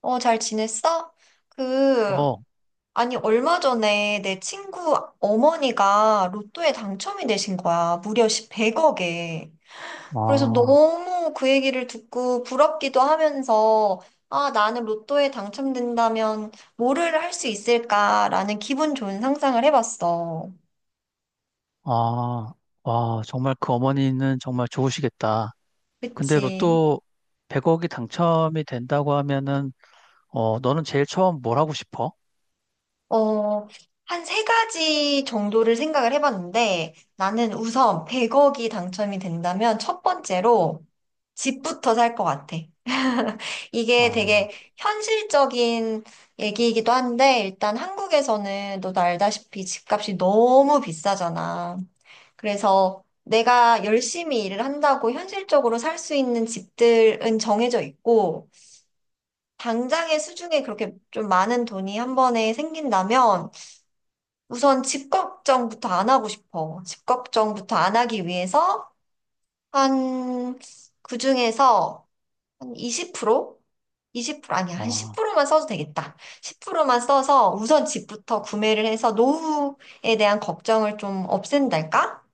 잘 지냈어? 그, 어, 아니, 얼마 전에 내 친구 어머니가 로또에 당첨이 되신 거야. 무려 100억에. 그래서 아, 너무 그 얘기를 듣고 부럽기도 하면서, 아, 나는 로또에 당첨된다면 뭐를 할 수 있을까라는 기분 좋은 상상을 해봤어. 아, 와, 정말 그 어머니는 정말 좋으시겠다. 근데 그치. 로또 100억이 당첨이 된다고 하면은, 어, 너는 제일 처음 뭘 하고 싶어? 어, 한 세 가지 정도를 생각을 해봤는데, 나는 우선 100억이 당첨이 된다면 첫 번째로, 집부터 살 것 같아. 이게 아, 되게 현실적인 얘기이기도 한데, 일단 한국에서는 너도 알다시피 집값이 너무 비싸잖아. 그래서 내가 열심히 일을 한다고 현실적으로 살 수 있는 집들은 정해져 있고, 당장의 수중에 그렇게 좀 많은 돈이 한 번에 생긴다면, 우선 집 걱정부터 안 하고 싶어. 집 걱정부터 안 하기 위해서, 한, 그 중에서 한 20%? 20% 아니야. 한 아, 10%만 써도 되겠다. 10%만 써서 우선 집부터 구매를 해서 노후에 대한 걱정을 좀 없앤달까?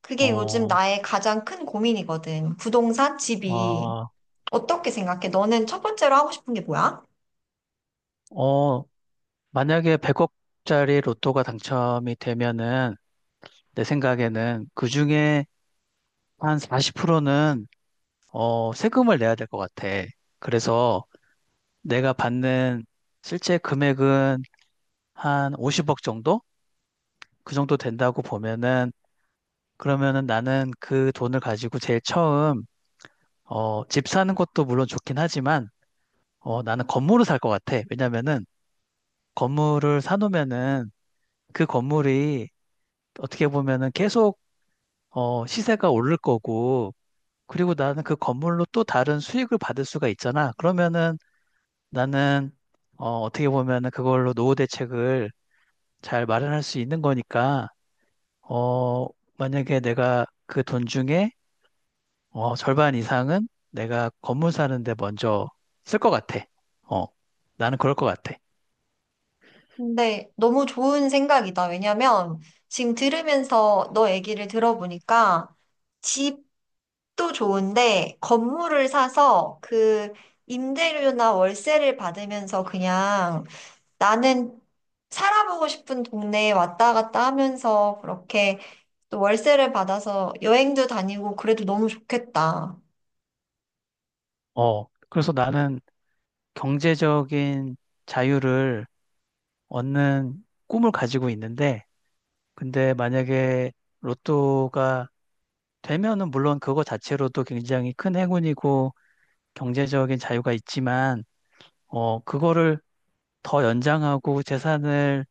그게 요즘 어, 나의 가장 큰 고민이거든. 부동산, 집이. 아, 어떻게 생각해? 너는 첫 번째로 하고 싶은 게 뭐야? 어, 만약에 100억짜리 로또가 당첨이 되면은, 내 생각에는 그 중에 한 40%는, 어, 세금을 내야 될 것 같아. 그래서 내가 받는 실제 금액은 한 50억 정도? 그 정도 된다고 보면은 그러면은 나는 그 돈을 가지고 제일 처음 어, 집 사는 것도 물론 좋긴 하지만 어, 나는 건물을 살 것 같아. 왜냐면은 건물을 사놓으면은 그 건물이 어떻게 보면은 계속 어, 시세가 오를 거고 그리고 나는 그 건물로 또 다른 수익을 받을 수가 있잖아. 그러면은 나는 어, 어떻게 보면은 그걸로 노후 대책을 잘 마련할 수 있는 거니까 어, 만약에 내가 그 돈 중에 어, 절반 이상은 내가 건물 사는데 먼저 쓸 것 같아. 어, 나는 그럴 것 같아. 근데 너무 좋은 생각이다. 왜냐면 지금 들으면서 너 얘기를 들어보니까 집도 좋은데 건물을 사서 그 임대료나 월세를 받으면서 그냥 나는 살아보고 싶은 동네에 왔다 갔다 하면서 그렇게 또 월세를 받아서 여행도 다니고 그래도 너무 좋겠다. 어, 그래서 나는 경제적인 자유를 얻는 꿈을 가지고 있는데, 근데 만약에 로또가 되면은 물론 그거 자체로도 굉장히 큰 행운이고 경제적인 자유가 있지만, 어, 그거를 더 연장하고 재산을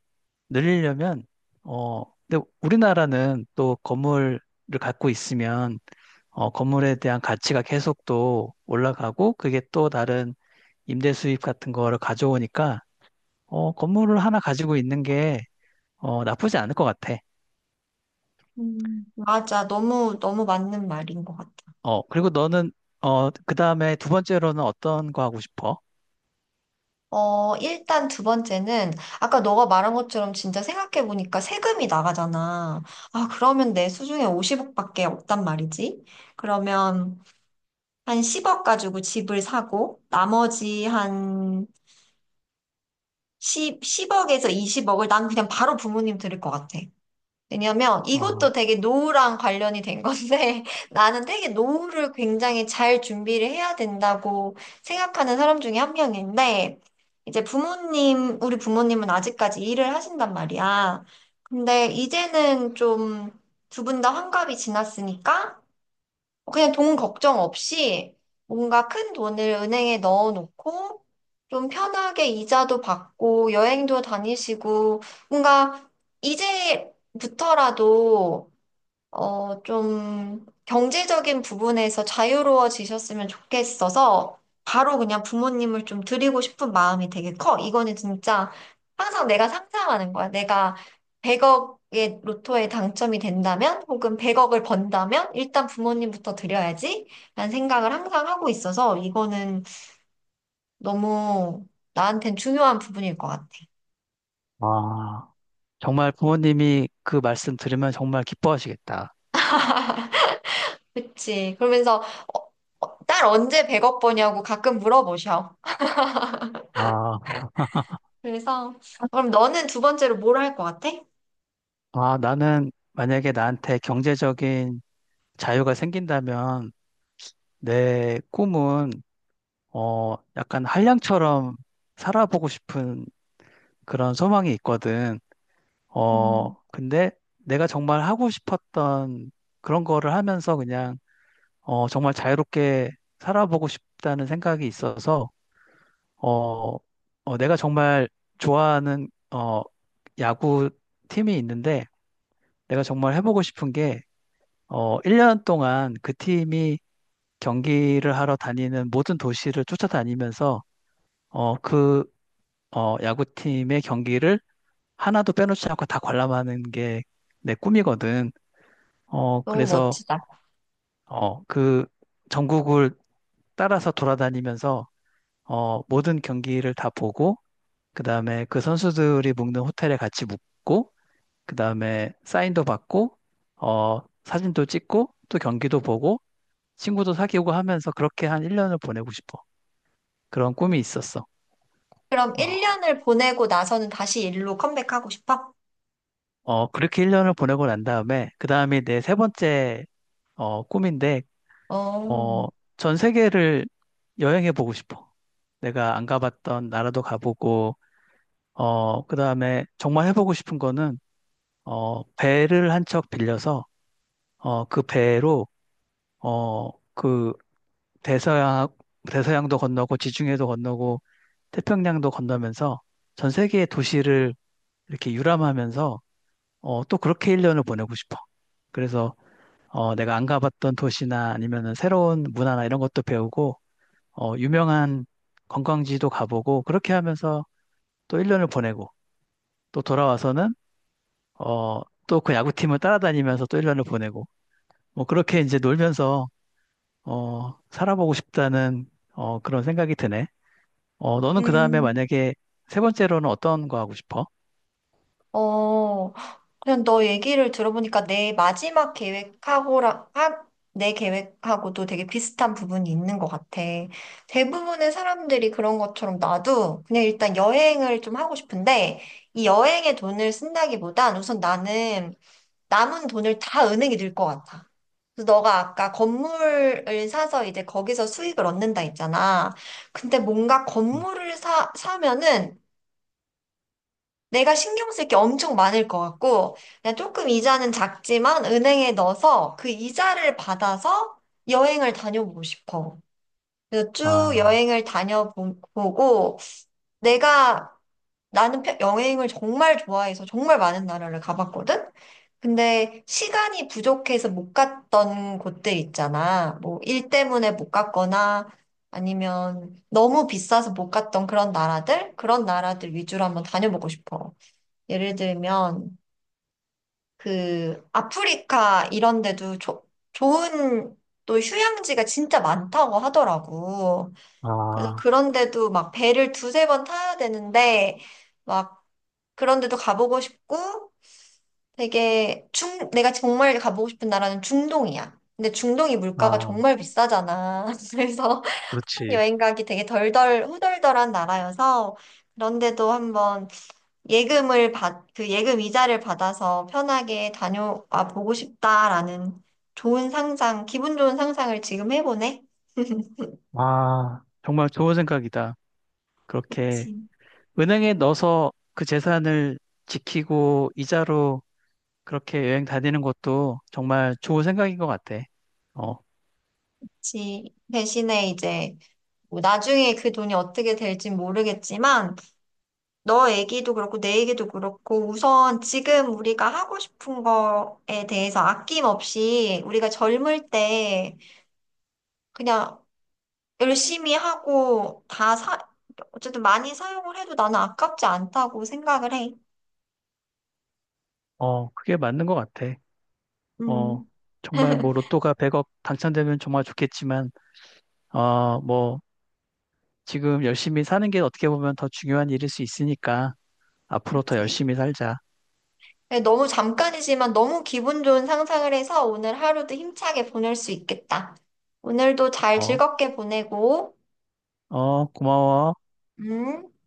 늘리려면, 어, 근데 우리나라는 또 건물을 갖고 있으면 어, 건물에 대한 가치가 계속 또 올라가고 그게 또 다른 임대 수입 같은 거를 가져오니까 어, 건물을 하나 가지고 있는 게 어, 나쁘지 않을 것 같아. 맞아. 너무, 너무 맞는 말인 것 같아. 어, 그리고 너는 어, 그다음에 두 번째로는 어떤 거 하고 싶어? 일단 두 번째는 아까 너가 말한 것처럼 진짜 생각해보니까 세금이 나가잖아. 아, 그러면 내 수중에 50억밖에 없단 말이지. 그러면 한 10억 가지고 집을 사고 나머지 한 10, 억에서 20억을 난 그냥 바로 부모님 드릴 것 같아. 왜냐면 이것도 어, 되게 노후랑 관련이 된 건데 나는 되게 노후를 굉장히 잘 준비를 해야 된다고 생각하는 사람 중에 한 명인데 이제 부모님, 우리 부모님은 아직까지 일을 하신단 말이야. 근데 이제는 좀 두 분 다 환갑이 지났으니까 그냥 돈 걱정 없이 뭔가 큰 돈을 은행에 넣어놓고 좀 편하게 이자도 받고 여행도 다니시고 뭔가 이제부터라도 좀 경제적인 부분에서 자유로워지셨으면 좋겠어서 바로 그냥 부모님을 좀 드리고 싶은 마음이 되게 커. 이거는 진짜 항상 내가 상상하는 거야. 내가 100억의 로또에 당첨이 된다면 혹은 100억을 번다면 일단 부모님부터 드려야지 라는 생각을 항상 하고 있어서 이거는 너무 나한텐 중요한 부분일 것 같아. 아, 정말 부모님이 그 말씀 들으면 정말 기뻐하시겠다. 그치. 그러면서 어, 딸 언제 100억 버냐고 가끔 물어보셔. 아, 그래서, 그럼 너는 두 번째로 뭘 할 것 같아? 아, 나는 만약에 나한테 경제적인 자유가 생긴다면 내 꿈은 어, 약간 한량처럼 살아보고 싶은 그런 소망이 있거든. 음. 어, 근데 내가 정말 하고 싶었던 그런 거를 하면서 그냥, 어, 정말 자유롭게 살아보고 싶다는 생각이 있어서, 어, 어, 내가 정말 좋아하는, 어, 야구 팀이 있는데, 내가 정말 해보고 싶은 게, 어, 1년 동안 그 팀이 경기를 하러 다니는 모든 도시를 쫓아다니면서, 어, 그 어, 야구팀의 경기를 하나도 빼놓지 않고 다 관람하는 게 내 꿈이거든. 어, 너무 그래서, 멋지다. 어, 그 전국을 따라서 돌아다니면서, 어, 모든 경기를 다 보고, 그 다음에 그 선수들이 묵는 호텔에 같이 묵고, 그 다음에 사인도 받고, 어, 사진도 찍고, 또 경기도 보고, 친구도 사귀고 하면서 그렇게 한 1년을 보내고 싶어. 그런 꿈이 있었어. 그럼 어, 1년을 보내고 나서는 다시 일로 컴백하고 싶어? 어, 그렇게 1년을 보내고 난 다음에, 그 다음이 내 세 번째 어, 꿈인데, 어, 어, 전 세계를 여행해 보고 싶어. 내가 안 가봤던 나라도 가보고, 어, 그 다음에 정말 해보고 싶은 거는, 어, 배를 한 척 빌려서, 어, 그 배로, 어, 그 대서양, 대서양도 건너고, 지중해도 건너고, 태평양도 건너면서 전 세계의 도시를 이렇게 유람하면서, 어, 또 그렇게 1년을 보내고 싶어. 그래서, 어, 내가 안 가봤던 도시나 아니면은 새로운 문화나 이런 것도 배우고, 어, 유명한 관광지도 가보고 그렇게 하면서 또 1년을 보내고 또 돌아와서는 어, 또 그 야구팀을 따라다니면서 또 1년을 보내고 뭐 그렇게 이제 놀면서 어, 살아보고 싶다는 어, 그런 생각이 드네. 어, 너는 그 다음에 음, 만약에 세 번째로는 어떤 거 하고 싶어? 어, 그냥 너 얘기를 들어보니까 내 마지막 계획하고랑, 하, 내 계획하고도 되게 비슷한 부분이 있는 것 같아. 대부분의 사람들이 그런 것처럼 나도 그냥 일단 여행을 좀 하고 싶은데, 이 여행에 돈을 쓴다기보단 우선 나는 남은 돈을 다 은행에 넣을 것 같아. 그래서 너가 아까 건물을 사서 이제 거기서 수익을 얻는다 했잖아. 근데 뭔가 음. 사면은 내가 신경 쓸 게 엄청 많을 것 같고, 그냥 조금 이자는 작지만 은행에 넣어서 그 이자를 받아서 여행을 다녀보고 싶어. 그래서 쭉 아, 여행을 다녀보고, 내가 나는 여행을 정말 좋아해서 정말 많은 나라를 가봤거든? 근데 시간이 부족해서 못 갔던 곳들 있잖아. 뭐 일 때문에 못 갔거나 아니면 너무 비싸서 못 갔던 그런 나라들? 그런 나라들 위주로 한번 다녀보고 싶어. 예를 들면 그 아프리카 이런 데도 좋은 또 휴양지가 진짜 많다고 하더라고. 그래서 아, 그런데도 막 배를 두세 번 타야 되는데 그런 데도 가보고 싶고 내가 정말 가보고 싶은 나라는 중동이야. 근데 중동이 물가가 아, 정말 비싸잖아. 그래서 그렇지. 여행 가기 되게 덜덜 후덜덜한 나라여서 그런데도 한번 그 예금 이자를 받아서 편하게 다녀와 보고 싶다라는 좋은 기분 좋은 상상을 지금 해보네. 아, 정말 좋은 생각이다. 그렇게 그치. 은행에 넣어서 그 재산을 지키고 이자로 그렇게 여행 다니는 것도 정말 좋은 생각인 것 같아. 어, 그치. 대신에 이제 뭐 나중에 그 돈이 어떻게 될진 모르겠지만 너 얘기도 그렇고 내 얘기도 그렇고 우선 지금 우리가 하고 싶은 거에 대해서 아낌없이 우리가 젊을 때 그냥 열심히 하고 어쨌든 많이 사용을 해도 나는 아깝지 않다고 생각을 해. 어, 그게 맞는 것 같아. 어, 음, 정말 뭐 로또가 100억 당첨되면 정말 좋겠지만, 어, 뭐 지금 열심히 사는 게 어떻게 보면 더 중요한 일일 수 있으니까 앞으로 더 그치. 열심히 살자. 네, 너무 잠깐이지만 너무 기분 좋은 상상을 해서 오늘 하루도 힘차게 보낼 수 있겠다. 오늘도 잘 어, 즐겁게 보내고, 어, 고마워. 음.